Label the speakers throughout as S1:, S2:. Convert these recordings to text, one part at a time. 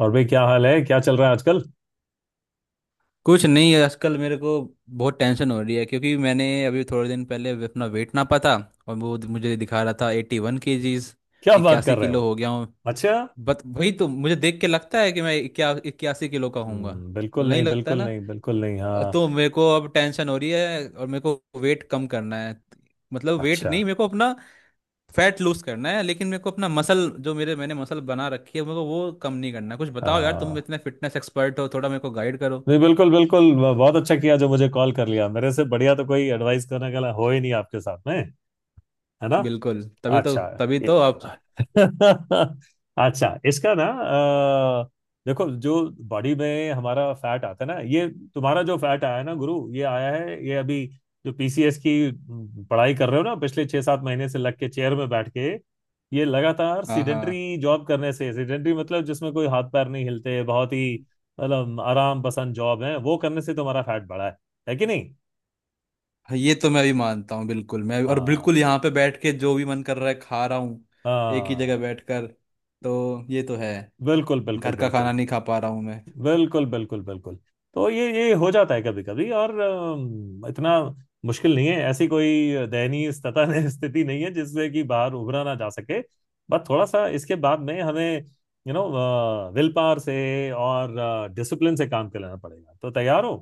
S1: और भाई क्या हाल है क्या चल रहा है आजकल।
S2: कुछ नहीं है, आजकल मेरे को बहुत टेंशन हो रही है क्योंकि मैंने अभी थोड़े दिन पहले अपना वेट नापा था। और वो मुझे दिखा रहा था 81 kgs।
S1: क्या बात
S2: इक्यासी
S1: कर रहे
S2: किलो
S1: हो।
S2: हो गया हूँ।
S1: अच्छा।
S2: बट वही तो मुझे देख के लगता है कि मैं 81 किलो का हूँगा।
S1: बिल्कुल
S2: नहीं
S1: नहीं
S2: लगता
S1: बिल्कुल
S2: ना।
S1: नहीं बिल्कुल नहीं हाँ।
S2: तो मेरे को अब टेंशन हो रही है और मेरे को वेट कम करना है। मतलब वेट
S1: अच्छा।
S2: नहीं, मेरे को अपना फैट लूज करना है। लेकिन मेरे को अपना मसल, जो मेरे मैंने मसल बना रखी है, मेरे को वो कम नहीं करना है। कुछ बताओ यार, तुम
S1: हाँ
S2: इतने फिटनेस एक्सपर्ट हो, थोड़ा मेरे को गाइड करो।
S1: नहीं बिल्कुल बिल्कुल ब- बहुत अच्छा किया जो मुझे कॉल कर लिया मेरे से बढ़िया तो कोई एडवाइस करने वाला हो ही नहीं आपके साथ में है ना।
S2: बिल्कुल, तभी तो
S1: अच्छा।
S2: तभी
S1: ए-
S2: तो आप।
S1: अच्छा इसका ना देखो जो बॉडी में हमारा फैट आता है ना ये तुम्हारा जो फैट आया है ना गुरु ये आया है ये अभी जो पीसीएस की पढ़ाई कर रहे हो ना पिछले 6-7 महीने से लग के चेयर में बैठ के ये लगातार
S2: हाँ हाँ।
S1: सीडेंटरी जॉब करने से सीडेंटरी मतलब जिसमें कोई हाथ पैर नहीं हिलते बहुत ही मतलब आराम पसंद जॉब है वो करने से तुम्हारा फैट बढ़ा है कि नहीं।
S2: हाँ, ये तो मैं भी मानता हूँ बिल्कुल। मैं और
S1: हाँ
S2: बिल्कुल यहाँ पे बैठ के जो भी मन कर रहा है खा रहा हूँ, एक ही जगह
S1: हाँ
S2: बैठकर। तो ये तो है।
S1: बिल्कुल बिल्कुल
S2: घर का खाना
S1: बिल्कुल
S2: नहीं खा पा रहा हूँ मैं।
S1: बिल्कुल बिल्कुल बिल्कुल। तो ये हो जाता है कभी कभी और इतना मुश्किल नहीं है ऐसी कोई दयनीय स्थिति स्थिति नहीं है जिससे कि बाहर उभरा ना जा सके। बस थोड़ा सा इसके बाद में हमें यू नो विल पावर से और डिसिप्लिन से काम कर लेना पड़ेगा तो तैयार हो।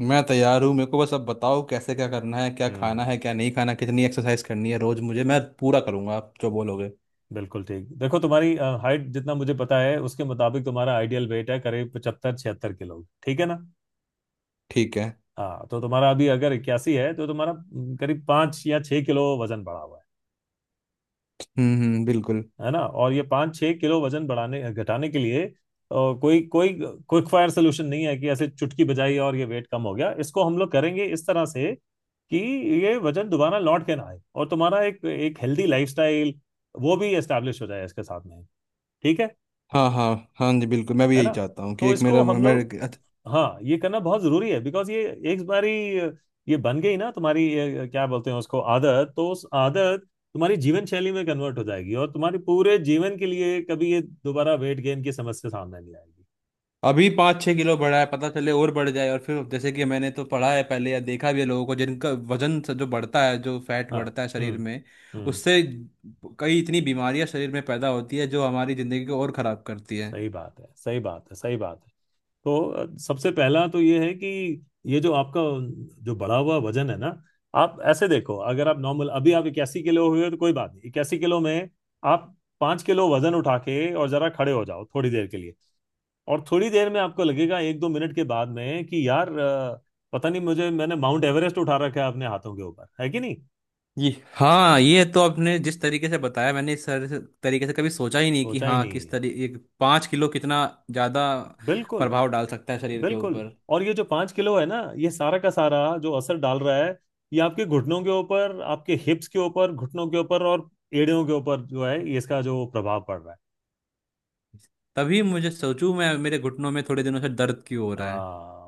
S2: मैं तैयार हूँ, मेरे को बस अब बताओ कैसे, क्या करना है, क्या खाना है,
S1: हम्म
S2: क्या नहीं खाना, कितनी एक्सरसाइज करनी है रोज मुझे। मैं पूरा करूँगा आप जो बोलोगे।
S1: बिल्कुल ठीक। देखो तुम्हारी हाइट जितना मुझे पता है उसके मुताबिक तुम्हारा आइडियल वेट है करीब 75-76 किलो ठीक है ना।
S2: ठीक है।
S1: हाँ तो तुम्हारा अभी अगर 81 है तो तुम्हारा करीब 5 या 6 किलो वजन बढ़ा हुआ
S2: हम्म, बिल्कुल।
S1: है ना। और ये 5-6 किलो वजन बढ़ाने घटाने के लिए और कोई कोई क्विक फायर सोल्यूशन नहीं है कि ऐसे चुटकी बजाई और ये वेट कम हो गया। इसको हम लोग करेंगे इस तरह से कि ये वजन दोबारा लौट के ना आए और तुम्हारा एक एक हेल्दी लाइफस्टाइल वो भी एस्टेब्लिश हो जाए इसके साथ में ठीक
S2: हाँ हाँ। हाँ जी, बिल्कुल मैं भी
S1: है
S2: यही
S1: ना।
S2: चाहता हूँ कि
S1: तो
S2: एक
S1: इसको
S2: मेरा
S1: हम
S2: मैं।
S1: लोग हाँ ये करना बहुत जरूरी है बिकॉज ये एक बारी ये बन गई ना तुम्हारी ये क्या बोलते हैं उसको आदत तो उस आदत तुम्हारी जीवन शैली में कन्वर्ट हो जाएगी और तुम्हारे पूरे जीवन के लिए कभी ये दोबारा वेट गेन की समस्या सामने नहीं आएगी।
S2: अभी 5-6 किलो बढ़ा है, पता चले और बढ़ जाए, और फिर जैसे कि मैंने तो पढ़ा है पहले या देखा भी है लोगों को, जिनका वजन से, जो बढ़ता है, जो फैट
S1: हाँ
S2: बढ़ता है शरीर
S1: हम्म
S2: में,
S1: हम्म
S2: उससे कई इतनी बीमारियां शरीर में पैदा होती है जो हमारी जिंदगी को और खराब करती है।
S1: सही बात है सही बात है सही बात है। तो सबसे पहला तो ये है कि ये जो आपका जो बढ़ा हुआ वजन है ना आप ऐसे देखो अगर आप नॉर्मल अभी आप 81 किलो हुए हो तो कोई बात नहीं। 81 किलो में आप 5 किलो वजन उठा के और जरा खड़े हो जाओ थोड़ी देर के लिए और थोड़ी देर में आपको लगेगा 1-2 मिनट के बाद में कि यार पता नहीं मुझे मैंने माउंट एवरेस्ट उठा रखा है अपने हाथों के ऊपर है कि नहीं।
S2: ये हाँ, ये तो आपने जिस तरीके से बताया, मैंने इस तरह से तरीके से कभी सोचा ही नहीं कि
S1: सोचा ही
S2: हाँ
S1: नहीं
S2: किस
S1: है
S2: तरीके। 5 किलो कितना ज़्यादा
S1: बिल्कुल
S2: प्रभाव डाल सकता है शरीर के
S1: बिल्कुल।
S2: ऊपर।
S1: और ये जो 5 किलो है ना ये सारा का सारा जो असर डाल रहा है ये आपके घुटनों के ऊपर आपके हिप्स के ऊपर घुटनों के ऊपर और एड़ियों के ऊपर जो है ये इसका जो प्रभाव पड़ रहा है
S2: तभी मुझे सोचूं मैं, मेरे घुटनों में थोड़े दिनों से दर्द क्यों हो रहा है।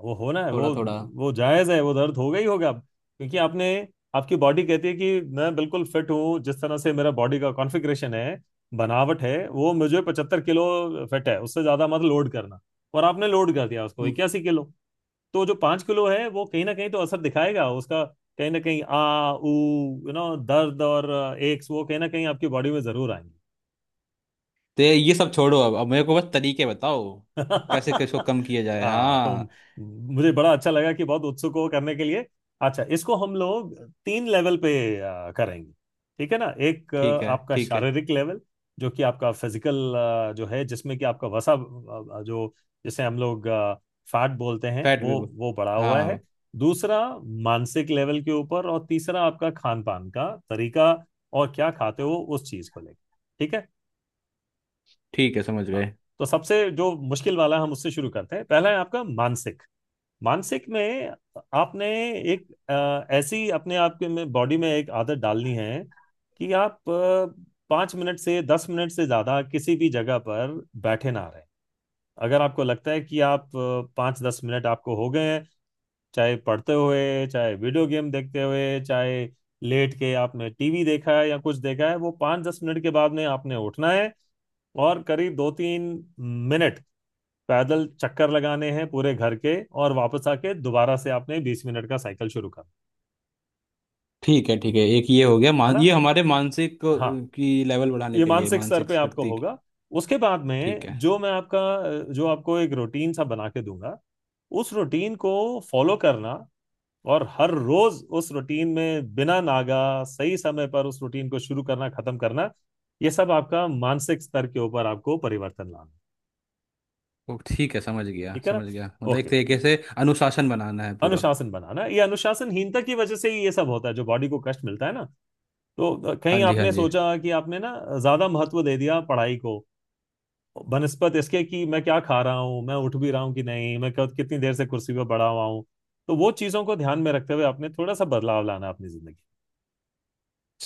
S1: वो होना है
S2: थोड़ा
S1: वो
S2: थोड़ा।
S1: वो जायज़ है वो दर्द होगा ही होगा अब क्योंकि आपने आपकी बॉडी कहती है कि मैं बिल्कुल फिट हूँ जिस तरह से मेरा बॉडी का कॉन्फिग्रेशन है बनावट है वो मुझे 75 किलो फिट है उससे ज़्यादा मत लोड करना और आपने लोड कर दिया उसको 81 किलो। तो जो 5 किलो है वो कहीं ना कहीं तो असर दिखाएगा उसका। कहीं ना कहीं आ ऊ यू नो दर्द और एक्स वो कहीं ना कहीं आपकी बॉडी में जरूर आएंगे।
S2: तो ये सब छोड़ो, अब मेरे को बस तरीके बताओ कि कैसे किसको कम किया जाए।
S1: हाँ तो
S2: हाँ
S1: मुझे बड़ा अच्छा लगा कि बहुत उत्सुक हो करने के लिए। अच्छा इसको हम लोग 3 लेवल पे करेंगे ठीक है ना। एक
S2: ठीक है,
S1: आपका
S2: ठीक है।
S1: शारीरिक लेवल जो कि आपका फिजिकल जो है जिसमें कि आपका वसा जो जिसे हम लोग फैट बोलते हैं
S2: फैट भी
S1: वो
S2: बोल।
S1: वो बढ़ा
S2: हाँ
S1: हुआ है।
S2: हाँ।
S1: दूसरा मानसिक लेवल के ऊपर और तीसरा आपका खान पान का तरीका और क्या खाते हो उस चीज को लेकर ठीक है।
S2: ठीक है, समझ
S1: हाँ,
S2: गए।
S1: तो सबसे जो मुश्किल वाला हम उससे शुरू करते हैं पहला है आपका मानसिक। मानसिक में आपने एक ऐसी अपने आप के में बॉडी में एक आदत डालनी है कि आप 5 मिनट से 10 मिनट से ज़्यादा किसी भी जगह पर बैठे ना रहें। अगर आपको लगता है कि आप 5-10 मिनट आपको हो गए हैं चाहे पढ़ते हुए चाहे वीडियो गेम देखते हुए चाहे लेट के आपने टीवी देखा है या कुछ देखा है वो 5-10 मिनट के बाद में आपने उठना है और करीब 2-3 मिनट पैदल चक्कर लगाने हैं पूरे घर के और वापस आके दोबारा से आपने 20 मिनट का साइकिल शुरू करना
S2: ठीक है, ठीक है। एक ये हो गया।
S1: है
S2: मान,
S1: ना।
S2: ये हमारे मानसिक
S1: हाँ
S2: की लेवल बढ़ाने
S1: ये
S2: के लिए,
S1: मानसिक स्तर
S2: मानसिक
S1: पे आपको
S2: शक्ति की।
S1: होगा। उसके बाद
S2: ठीक
S1: में
S2: है।
S1: जो मैं आपका जो आपको एक रूटीन सा बना के दूंगा उस रूटीन को फॉलो करना और हर रोज उस रूटीन में बिना नागा सही समय पर उस रूटीन को शुरू करना खत्म करना ये सब आपका मानसिक स्तर के ऊपर आपको परिवर्तन लाना
S2: ओ ठीक है, समझ गया
S1: ठीक है ना।
S2: समझ गया। मतलब एक
S1: ओके
S2: तरीके से अनुशासन बनाना है पूरा।
S1: अनुशासन बनाना ये अनुशासनहीनता की वजह से ही ये सब होता है जो बॉडी को कष्ट मिलता है ना। तो
S2: हाँ
S1: कहीं
S2: जी हाँ
S1: आपने
S2: जी।
S1: सोचा कि आपने ना ज्यादा महत्व दे दिया पढ़ाई को बनस्पत इसके कि मैं क्या खा रहा हूँ मैं उठ भी रहा हूँ कि नहीं मैं कब कितनी देर से कुर्सी पे पड़ा हुआ हूँ। तो वो चीजों को ध्यान में रखते हुए आपने थोड़ा सा बदलाव लाना अपनी जिंदगी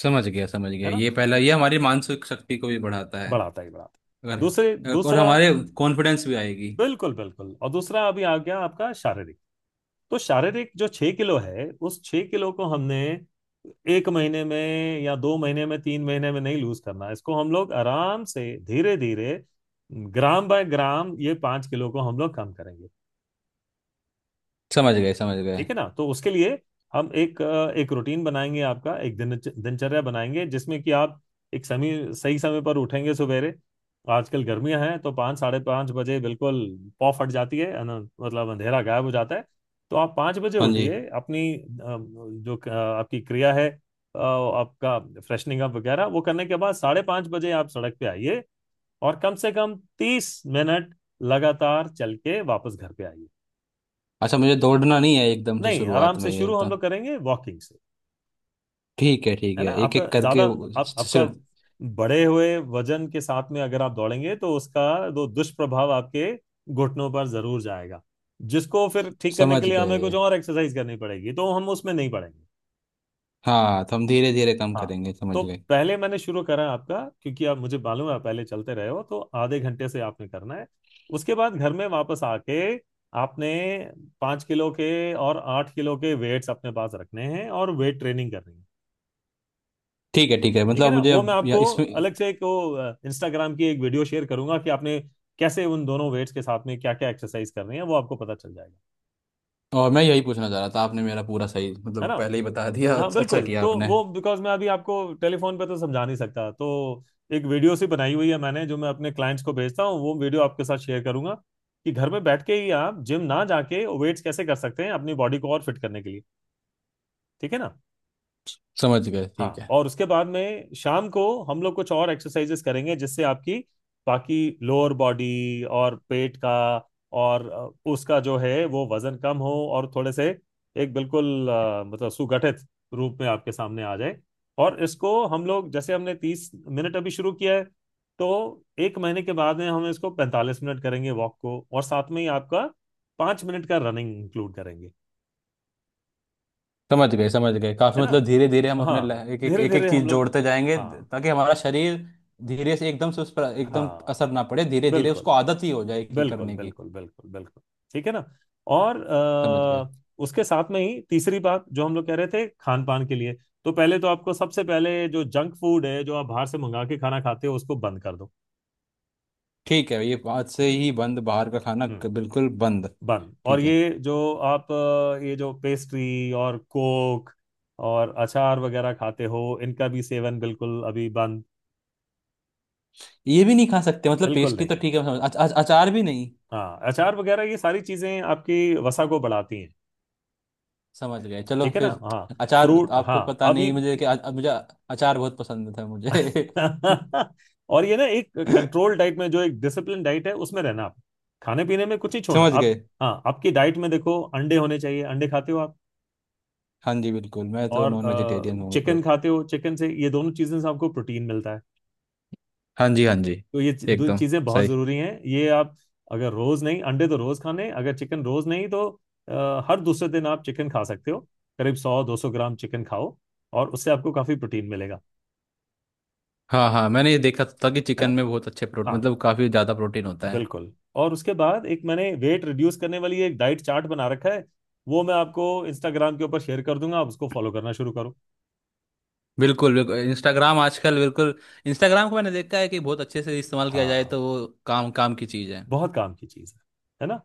S2: समझ गया समझ
S1: है
S2: गया,
S1: ना
S2: ये पहला ये हमारी मानसिक शक्ति को भी बढ़ाता है
S1: बढ़ाता ही बढ़ाता। दूसरे
S2: अगर। और
S1: दूसरा
S2: हमारे कॉन्फिडेंस भी आएगी।
S1: बिल्कुल बिल्कुल। और दूसरा अभी आ गया आपका शारीरिक। तो शारीरिक जो 6 किलो है उस 6 किलो को हमने 1 महीने में या 2 महीने में 3 महीने में नहीं लूज करना है। इसको हम लोग आराम से धीरे धीरे ग्राम बाय ग्राम ये 5 किलो को हम लोग कम करेंगे
S2: समझ गए समझ गए।
S1: ठीक है ना। तो उसके लिए हम एक रूटीन बनाएंगे आपका एक दिन दिनचर्या बनाएंगे जिसमें कि आप एक समय सही समय पर उठेंगे सवेरे आजकल गर्मियां हैं तो 5 से 5:30 बजे बिल्कुल पौ फट जाती है ना मतलब अंधेरा गायब हो जाता है। तो आप 5 बजे
S2: हाँ जी।
S1: उठिए अपनी जो आपकी क्रिया है आपका फ्रेशनिंग अप वगैरह वो करने के बाद 5:30 बजे आप सड़क पे आइए और कम से कम 30 मिनट लगातार चल के वापस घर पे आइए।
S2: अच्छा, मुझे दौड़ना नहीं है एकदम से,
S1: नहीं आराम
S2: शुरुआत
S1: से
S2: में ये
S1: शुरू हम
S2: एकदम।
S1: लोग करेंगे वॉकिंग से।
S2: ठीक है ठीक
S1: है ना
S2: है, एक
S1: आपका
S2: एक
S1: ज्यादा
S2: करके
S1: आपका बढ़े हुए वजन के साथ में अगर आप दौड़ेंगे तो उसका दो दुष्प्रभाव आपके घुटनों पर जरूर जाएगा जिसको फिर ठीक करने के
S2: समझ
S1: लिए हमें कुछ
S2: गए।
S1: और एक्सरसाइज करनी पड़ेगी तो हम उसमें नहीं पड़ेंगे।
S2: हाँ, तो हम धीरे धीरे कम
S1: हाँ
S2: करेंगे,
S1: तो
S2: समझ गए।
S1: पहले मैंने शुरू करा आपका क्योंकि आप मुझे मालूम है आप पहले चलते रहे हो तो आधे घंटे से आपने करना है। उसके बाद घर में वापस आके आपने 5 किलो के और 8 किलो के वेट्स अपने पास रखने हैं और वेट ट्रेनिंग करनी है
S2: ठीक है ठीक है,
S1: ठीक है
S2: मतलब
S1: ना।
S2: मुझे
S1: वो
S2: अब
S1: मैं
S2: या,
S1: आपको
S2: इसमें।
S1: अलग से एक वो इंस्टाग्राम की एक वीडियो शेयर करूंगा कि आपने कैसे उन दोनों वेट्स के साथ में क्या क्या एक्सरसाइज करनी है वो आपको पता चल जाएगा
S2: और मैं यही पूछना चाह रहा था, आपने मेरा पूरा सही
S1: है
S2: मतलब
S1: ना।
S2: पहले ही बता दिया।
S1: हाँ
S2: अच्छा, अच्छा
S1: बिल्कुल।
S2: किया
S1: तो
S2: आपने।
S1: वो बिकॉज मैं अभी आपको टेलीफोन पे तो समझा नहीं सकता तो एक वीडियो सी बनाई हुई है मैंने जो मैं अपने क्लाइंट्स को भेजता हूँ वो वीडियो आपके साथ शेयर करूंगा कि घर में बैठ के ही आप जिम ना जाके वेट्स कैसे कर सकते हैं अपनी बॉडी को और फिट करने के लिए ठीक है ना।
S2: समझ गए, ठीक
S1: हाँ
S2: है।
S1: और उसके बाद में शाम को हम लोग कुछ और एक्सरसाइजेस करेंगे जिससे आपकी बाकी लोअर बॉडी और पेट का और उसका जो है वो वजन कम हो और थोड़े से एक बिल्कुल मतलब सुगठित रूप में आपके सामने आ जाए। और इसको हम लोग जैसे हमने 30 मिनट अभी शुरू किया है तो 1 महीने के बाद में हम इसको 45 मिनट करेंगे वॉक को और साथ में ही आपका 5 मिनट का रनिंग इंक्लूड करेंगे
S2: समझ गए समझ गए, काफी,
S1: है ना।
S2: मतलब धीरे धीरे हम अपने
S1: हाँ
S2: एक एक
S1: धीरे
S2: एक एक
S1: धीरे
S2: चीज
S1: हम लोग
S2: जोड़ते जाएंगे,
S1: हाँ
S2: ताकि हमारा शरीर धीरे से, एकदम से उस पर एकदम
S1: हाँ
S2: असर ना पड़े, धीरे धीरे
S1: बिल्कुल
S2: उसको आदत ही हो जाए कि
S1: बिल्कुल
S2: करने की।
S1: बिल्कुल बिल्कुल बिल्कुल ठीक है ना। और
S2: समझ गए।
S1: उसके साथ में ही तीसरी बात जो हम लोग कह रहे थे खान पान के लिए तो पहले तो आपको सबसे पहले जो जंक फूड है जो आप बाहर से मंगा के खाना खाते हो उसको बंद कर दो।
S2: ठीक है, ये बात से ही बंद, बाहर का खाना
S1: हम्म
S2: बिल्कुल बंद।
S1: बंद और
S2: ठीक है,
S1: ये जो आप ये जो पेस्ट्री और कोक और अचार वगैरह खाते हो इनका भी सेवन बिल्कुल अभी बंद।
S2: ये भी नहीं खा सकते? मतलब
S1: बिल्कुल
S2: पेस्ट्री तो
S1: नहीं
S2: ठीक है, समझ अच, अच, अचार भी नहीं?
S1: हाँ अचार वगैरह ये सारी चीजें आपकी वसा को बढ़ाती हैं
S2: समझ गए, चलो
S1: ठीक है ना।
S2: फिर।
S1: हाँ
S2: अचार,
S1: फ्रूट
S2: आपको
S1: हाँ
S2: पता
S1: अभी।
S2: नहीं, मुझे कि मुझे अचार बहुत पसंद था मुझे।
S1: और ये ना एक कंट्रोल डाइट में जो एक डिसिप्लिन डाइट है उसमें रहना आप खाने पीने में कुछ ही छोड़ना
S2: समझ
S1: आप।
S2: गए।
S1: हाँ आपकी डाइट में देखो अंडे होने चाहिए अंडे खाते हो आप
S2: हाँ जी, बिल्कुल, मैं तो
S1: और
S2: नॉन वेजिटेरियन हूँ,
S1: चिकन
S2: मतलब।
S1: खाते हो चिकन से ये दोनों चीज़ें से आपको प्रोटीन मिलता है।
S2: हाँ जी हाँ जी,
S1: तो दो
S2: एकदम
S1: चीज़ें बहुत
S2: सही।
S1: ज़रूरी हैं ये आप अगर रोज़ नहीं अंडे तो रोज़ खाने अगर चिकन रोज़ नहीं तो हर दूसरे दिन आप चिकन खा सकते हो करीब 100-200 ग्राम चिकन खाओ और उससे आपको काफ़ी प्रोटीन मिलेगा
S2: हाँ हाँ, मैंने ये देखा था कि
S1: है
S2: चिकन
S1: ना।
S2: में बहुत अच्छे प्रोटीन,
S1: हाँ
S2: मतलब काफ़ी ज़्यादा प्रोटीन होता है।
S1: बिल्कुल। और उसके बाद एक मैंने वेट रिड्यूस करने वाली एक डाइट चार्ट बना रखा है वो मैं आपको इंस्टाग्राम के ऊपर शेयर कर दूंगा आप उसको फॉलो करना शुरू करो।
S2: बिल्कुल बिल्कुल, इंस्टाग्राम आजकल बिल्कुल। इंस्टाग्राम को मैंने देखा है कि बहुत अच्छे से इस्तेमाल किया जाए
S1: हाँ
S2: तो वो काम काम की चीज़ है।
S1: बहुत काम की चीज है ना।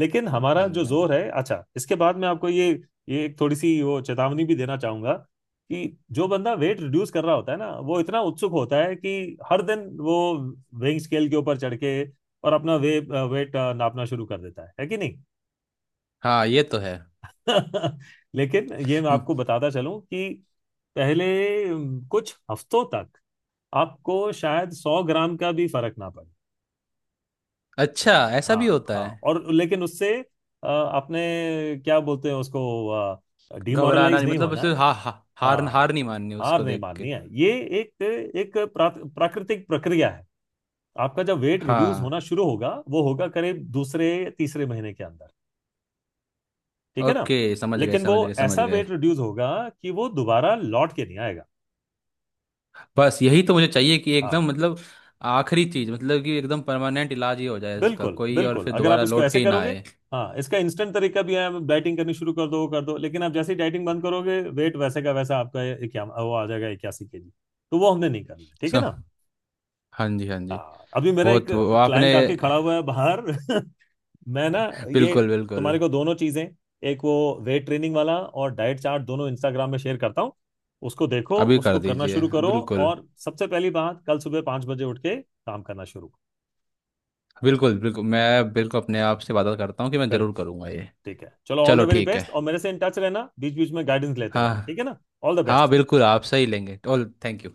S1: लेकिन हमारा
S2: हाँ जी
S1: जो
S2: हाँ जी।
S1: जोर है अच्छा इसके बाद मैं आपको ये एक थोड़ी सी वो चेतावनी भी देना चाहूंगा कि जो बंदा वेट रिड्यूस कर रहा होता है ना वो इतना उत्सुक होता है कि हर दिन वो वेइंग स्केल के ऊपर चढ़ के और अपना वे वेट नापना शुरू कर देता है कि नहीं।
S2: हाँ, ये तो है।
S1: लेकिन ये मैं
S2: हम्म।
S1: आपको बताता चलूं कि पहले कुछ हफ्तों तक आपको शायद 100 ग्राम का भी फर्क ना पड़े।
S2: अच्छा, ऐसा भी
S1: हाँ
S2: होता
S1: हाँ
S2: है?
S1: और लेकिन उससे आपने क्या बोलते हैं उसको
S2: घबराना
S1: डिमोरलाइज
S2: नहीं,
S1: नहीं
S2: मतलब
S1: होना
S2: उसे
S1: है।
S2: हा, हा, हार
S1: हाँ
S2: हार नहीं माननी
S1: हार
S2: उसको
S1: नहीं
S2: देख
S1: माननी
S2: के।
S1: है ये एक एक प्राकृतिक प्रक्रिया है। आपका जब वेट रिड्यूस
S2: हाँ।
S1: होना शुरू होगा वो होगा करीब दूसरे तीसरे महीने के अंदर ठीक है ना।
S2: ओके, समझ गए
S1: लेकिन वो
S2: समझ गए समझ
S1: ऐसा
S2: गए।
S1: वेट रिड्यूस होगा कि वो दोबारा लौट के नहीं आएगा।
S2: बस यही तो मुझे चाहिए कि एकदम,
S1: हाँ
S2: मतलब आखिरी चीज, मतलब कि एकदम परमानेंट इलाज ही हो जाए इसका
S1: बिल्कुल
S2: कोई, और
S1: बिल्कुल
S2: फिर
S1: अगर आप
S2: दोबारा
S1: इसको
S2: लौट के
S1: ऐसे
S2: ही ना
S1: करोगे
S2: आए।
S1: हाँ इसका इंस्टेंट तरीका भी है आप डाइटिंग करनी शुरू कर दो वो कर दो लेकिन आप जैसे ही डाइटिंग बंद करोगे वेट वैसे का वैसा आपका ये क्या वो आ जाएगा 81 केजी। तो वो हमने नहीं करना है ठीक है
S2: सो,
S1: ना।
S2: हाँ जी हाँ जी।
S1: हाँ अभी मेरा एक
S2: बहुत वो आपने।
S1: क्लाइंट आके खड़ा हुआ है बाहर। मैं ना ये
S2: बिल्कुल बिल्कुल।
S1: तुम्हारे को दोनों चीजें एक वो वेट ट्रेनिंग वाला और डाइट चार्ट दोनों इंस्टाग्राम में शेयर करता हूँ उसको देखो
S2: अभी कर
S1: उसको करना
S2: दीजिए,
S1: शुरू करो
S2: बिल्कुल।
S1: और सबसे पहली बात कल सुबह 5 बजे उठ के काम करना शुरू करो।
S2: बिल्कुल बिल्कुल, मैं बिल्कुल अपने आप से वादा करता हूँ कि मैं ज़रूर
S1: बिल्कुल
S2: करूँगा ये।
S1: ठीक है चलो ऑल द
S2: चलो
S1: वेरी
S2: ठीक है।
S1: बेस्ट और मेरे से इन टच रहना बीच बीच में गाइडेंस लेते रहना ठीक
S2: हाँ
S1: है ना। ऑल द
S2: हाँ,
S1: बेस्ट।
S2: बिल्कुल आपसे ही लेंगे। All thank you.